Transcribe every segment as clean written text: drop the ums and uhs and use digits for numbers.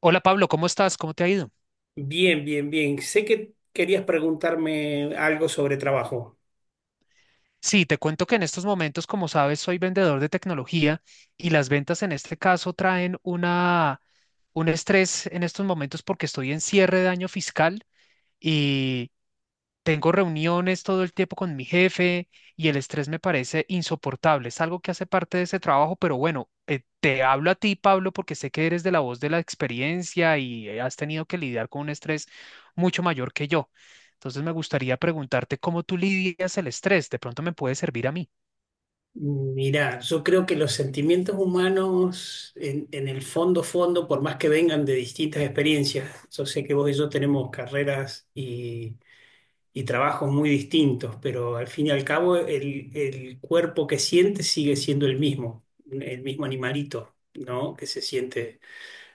Hola Pablo, ¿cómo estás? ¿Cómo te ha ido? Bien, bien, bien. Sé que querías preguntarme algo sobre trabajo. Sí, te cuento que en estos momentos, como sabes, soy vendedor de tecnología y las ventas en este caso traen un estrés en estos momentos porque estoy en cierre de año fiscal. Tengo reuniones todo el tiempo con mi jefe y el estrés me parece insoportable. Es algo que hace parte de ese trabajo, pero bueno, te hablo a ti, Pablo, porque sé que eres de la voz de la experiencia y has tenido que lidiar con un estrés mucho mayor que yo. Entonces me gustaría preguntarte cómo tú lidias el estrés. De pronto me puede servir a mí. Mirá, yo creo que los sentimientos humanos, en el fondo, por más que vengan de distintas experiencias, yo sé que vos y yo tenemos carreras y trabajos muy distintos, pero al fin y al cabo el cuerpo que siente sigue siendo el mismo animalito, ¿no? Que se siente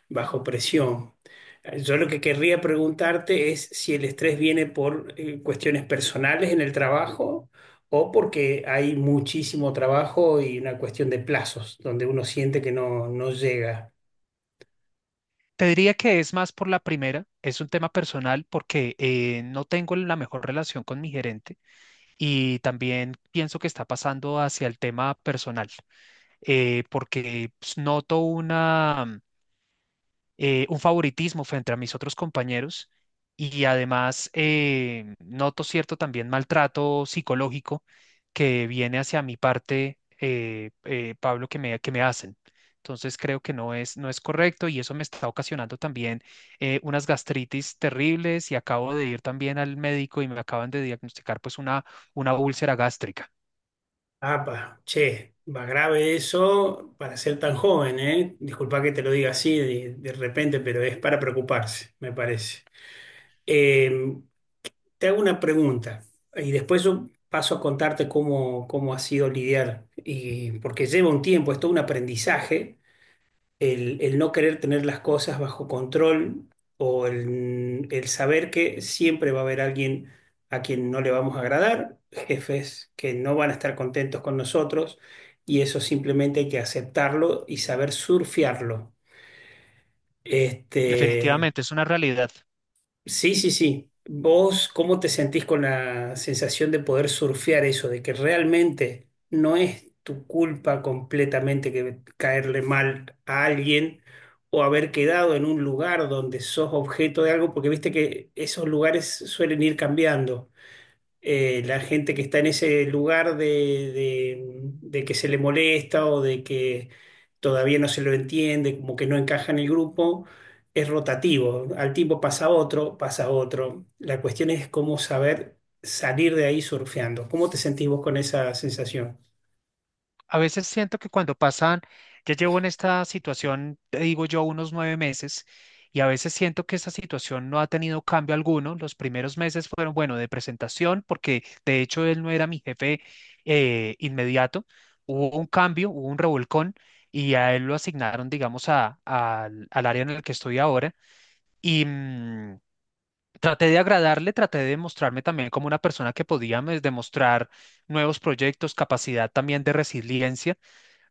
bajo presión. Yo lo que querría preguntarte es si el estrés viene por cuestiones personales en el trabajo, o porque hay muchísimo trabajo y una cuestión de plazos, donde uno siente que no llega. Te diría que es más por la primera, es un tema personal porque no tengo la mejor relación con mi gerente y también pienso que está pasando hacia el tema personal. Porque pues, noto un favoritismo frente a mis otros compañeros, y además noto cierto también maltrato psicológico que viene hacia mi parte, Pablo, que me hacen. Entonces creo que no es correcto, y eso me está ocasionando también unas gastritis terribles, y acabo de ir también al médico y me acaban de diagnosticar pues una úlcera gástrica. Apa, che, va grave eso para ser tan joven, ¿eh? Disculpa que te lo diga así de repente, pero es para preocuparse, me parece. Eh, Te hago una pregunta, y después yo paso a contarte cómo, cómo ha sido lidiar, y, porque lleva un tiempo, es todo un aprendizaje, el no querer tener las cosas bajo control, o el saber que siempre va a haber alguien a quien no le vamos a agradar, jefes que no van a estar contentos con nosotros, y eso simplemente hay que aceptarlo y saber surfearlo. Este, Definitivamente es una realidad. sí, sí, sí. ¿Vos cómo te sentís con la sensación de poder surfear eso, de que realmente no es tu culpa completamente, que caerle mal a alguien o haber quedado en un lugar donde sos objeto de algo? Porque viste que esos lugares suelen ir cambiando, la gente que está en ese lugar de, de- de que se le molesta, o de que todavía no se lo entiende, como que no encaja en el grupo, es rotativo. Al tiempo pasa otro, pasa otro. La cuestión es cómo saber salir de ahí surfeando. ¿Cómo te sentís vos con esa sensación? A veces siento que ya llevo en esta situación, te digo yo, unos 9 meses, y a veces siento que esa situación no ha tenido cambio alguno. Los primeros meses fueron, bueno, de presentación, porque de hecho él no era mi jefe inmediato. Hubo un cambio, hubo un revolcón, y a él lo asignaron, digamos, al al área en el que estoy ahora. Y traté de agradarle, traté de mostrarme también como una persona que podía demostrar nuevos proyectos, capacidad también de resiliencia,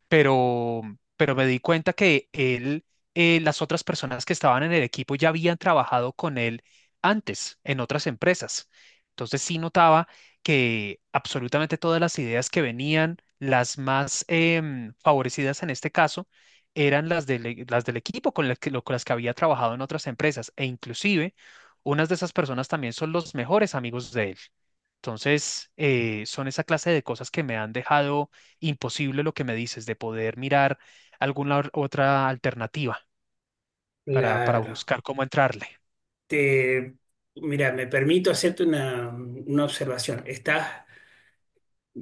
pero, pero me di cuenta que las otras personas que estaban en el equipo ya habían trabajado con él antes en otras empresas. Entonces sí notaba que absolutamente todas las ideas que venían, las más favorecidas en este caso, eran las del equipo con las que había trabajado en otras empresas, e inclusive unas de esas personas también son los mejores amigos de él. Entonces, son esa clase de cosas que me han dejado imposible lo que me dices, de poder mirar otra alternativa para Claro. buscar cómo entrarle. Te, mira, me permito hacerte una observación. Estás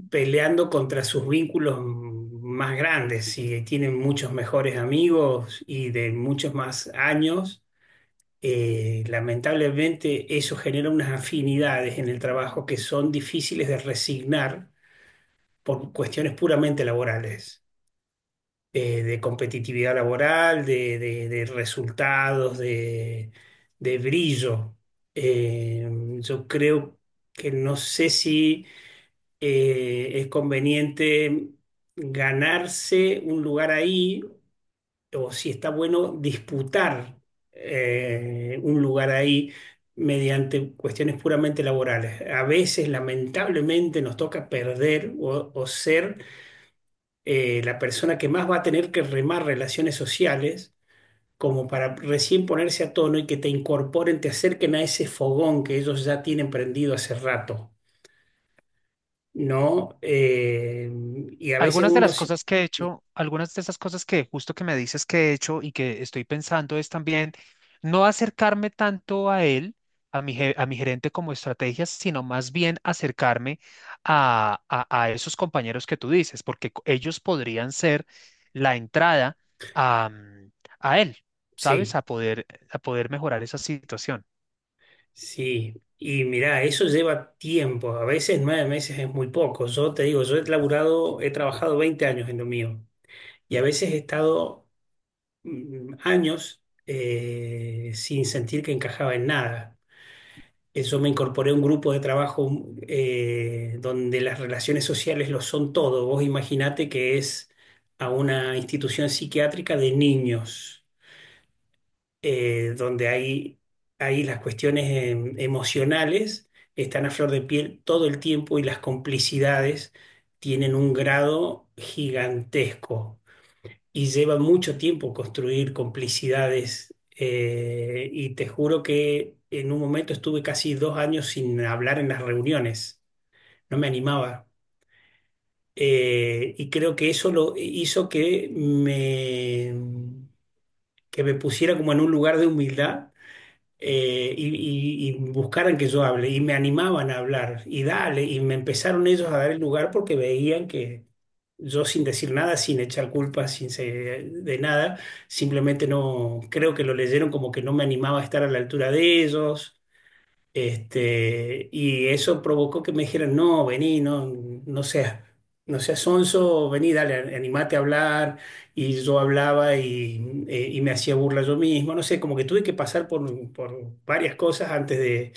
peleando contra sus vínculos más grandes, y tienen muchos mejores amigos y de muchos más años. Lamentablemente eso genera unas afinidades en el trabajo que son difíciles de resignar por cuestiones puramente laborales, de competitividad laboral, de, de resultados, de brillo. Eh, yo creo que no sé si es conveniente ganarse un lugar ahí, o si está bueno disputar un lugar ahí mediante cuestiones puramente laborales. A veces, lamentablemente, nos toca perder, o ser la persona que más va a tener que remar relaciones sociales, como para recién ponerse a tono y que te incorporen, te acerquen a ese fogón que ellos ya tienen prendido hace rato, ¿no? Y a veces Algunas de uno, las cosas que he hecho, algunas de esas cosas que justo que me dices que he hecho y que estoy pensando es también no acercarme tanto a él, a mi gerente como estrategias, sino más bien acercarme a esos compañeros que tú dices, porque ellos podrían ser la entrada a, mm, a él, ¿sabes? sí, A poder mejorar esa situación. sí. Y mirá, eso lleva tiempo. A veces 9 meses es muy poco. Yo te digo, yo he laburado, he trabajado 20 años en lo mío. Y a veces he estado años sin sentir que encajaba en nada. Yo me incorporé a un grupo de trabajo, donde las relaciones sociales lo son todo. Vos imaginate que es a una institución psiquiátrica de niños, donde hay, ahí las cuestiones emocionales están a flor de piel todo el tiempo, y las complicidades tienen un grado gigantesco, y lleva mucho tiempo construir complicidades, y te juro que en un momento estuve casi 2 años sin hablar en las reuniones, no me animaba. Y creo que eso lo hizo que que me pusiera como en un lugar de humildad, eh, y, y buscaran que yo hable, y me animaban a hablar y dale, y me empezaron ellos a dar el lugar porque veían que yo, sin decir nada, sin echar culpas, sin se- de nada, simplemente no, creo que lo leyeron como que no me animaba a estar a la altura de ellos. Este, y eso provocó que me dijeran, no, vení, no seas, no seas sonso, vení, dale, animate a hablar. Y yo hablaba, y me hacía burla yo mismo, no sé, como que tuve que pasar por varias cosas antes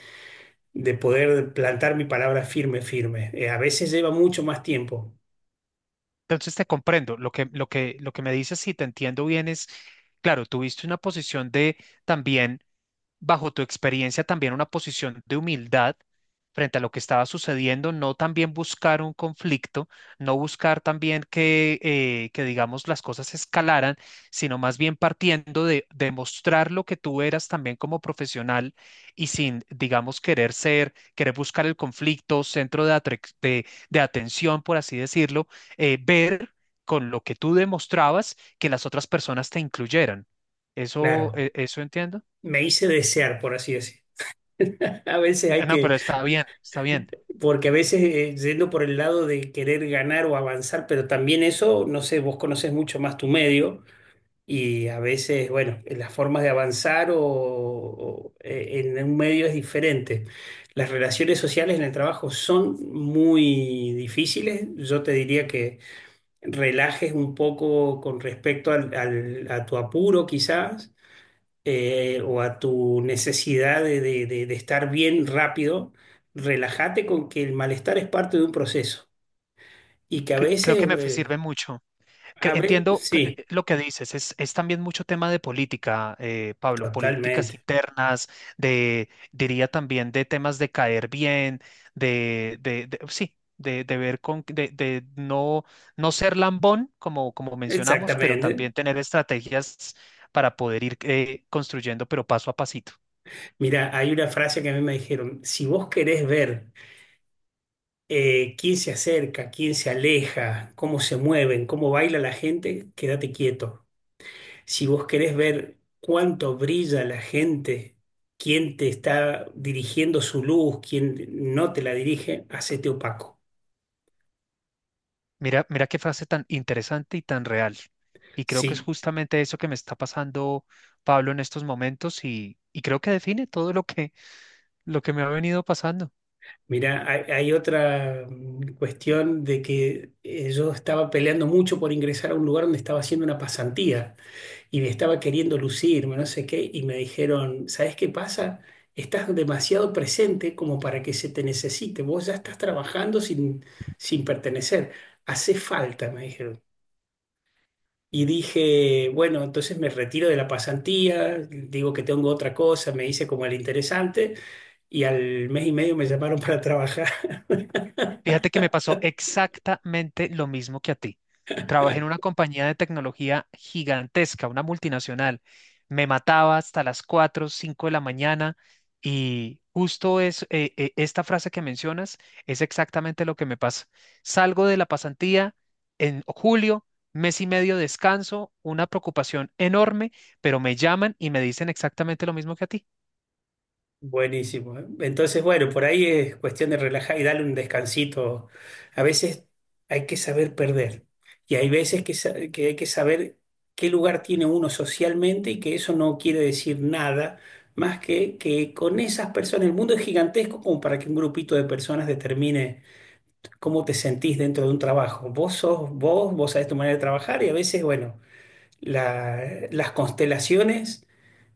de poder plantar mi palabra firme, firme. A veces lleva mucho más tiempo, Entonces te comprendo. Lo que me dices, si te entiendo bien, es, claro, tuviste una posición de también, bajo tu experiencia, también una posición de humildad frente a lo que estaba sucediendo, no también buscar un conflicto, no buscar también que digamos, las cosas escalaran, sino más bien partiendo de demostrar lo que tú eras también como profesional y sin, digamos, querer buscar el conflicto, centro de atención, por así decirlo, ver con lo que tú demostrabas que las otras personas te incluyeran. ¿Eso, claro. Eso entiendo? Me hice desear, por así decir. A veces hay No, que, pero está bien, está bien. porque a veces yendo por el lado de querer ganar o avanzar, pero también eso, no sé, vos conoces mucho más tu medio. Y a veces, bueno, las formas de avanzar, en un medio es diferente. Las relaciones sociales en el trabajo son muy difíciles. Yo te diría que relajes un poco con respecto a tu apuro, quizás o a tu necesidad de, de estar bien rápido. Relájate con que el malestar es parte de un proceso, y que a Creo que veces, sirve mucho. Cre- a ver, Entiendo que- sí, eh, lo que dices. Es también mucho tema de política, Pablo, políticas totalmente, internas, diría también de temas de caer bien, sí, de ver de no, no ser lambón, como, como mencionamos, pero también exactamente. tener estrategias para poder ir construyendo, pero paso a pasito. Mira, hay una frase que a mí me dijeron: si vos querés ver quién se acerca, quién se aleja, cómo se mueven, cómo baila la gente, quédate quieto. Si vos querés ver cuánto brilla la gente, quién te está dirigiendo su luz, quién no te la dirige, hacete opaco. Mira, mira qué frase tan interesante y tan real. Y creo que es Sí, justamente eso que me está pasando, Pablo, en estos momentos, y creo que define todo lo que me ha venido pasando. mira, hay otra, cuestión de que yo estaba peleando mucho por ingresar a un lugar donde estaba haciendo una pasantía, y me estaba queriendo lucirme, no sé qué, y me dijeron, ¿sabes qué pasa? Estás demasiado presente como para que se te necesite, vos ya estás trabajando sin pertenecer, hace falta, me dijeron. Y dije, bueno, entonces me retiro de la pasantía, digo que tengo otra cosa, me hice como el interesante, y al mes y medio me llamaron para trabajar. Fíjate que me pasó exactamente lo mismo que a ti. Trabajé en una compañía de tecnología gigantesca, una multinacional. Me mataba hasta las 4, 5 de la mañana, y justo es esta frase que mencionas es exactamente lo que me pasa. Salgo de la pasantía en julio, mes y medio descanso, una preocupación enorme, pero me llaman y me dicen exactamente lo mismo que a ti. Buenísimo, ¿eh? Entonces, bueno, por ahí es cuestión de relajar y darle un descansito. A veces hay que saber perder, y hay veces que, que hay que saber qué lugar tiene uno socialmente, y que eso no quiere decir nada más que con esas personas, el mundo es gigantesco como para que un grupito de personas determine cómo te sentís dentro de un trabajo. Vos sos vos, vos sabés tu manera de trabajar, y a veces, bueno. Las constelaciones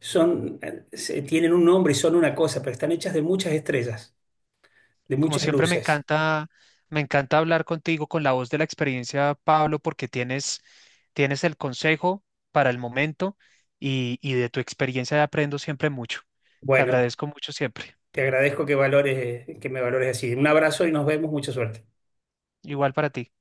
son, tienen un nombre y son una cosa, pero están hechas de muchas estrellas, de Como muchas siempre, luces. Me encanta hablar contigo con la voz de la experiencia, Pablo, porque tienes el consejo para el momento, y de tu experiencia aprendo siempre mucho. Te Bueno, agradezco mucho siempre. te agradezco que valores, que me valores así. Un abrazo y nos vemos. Mucha suerte. Igual para ti.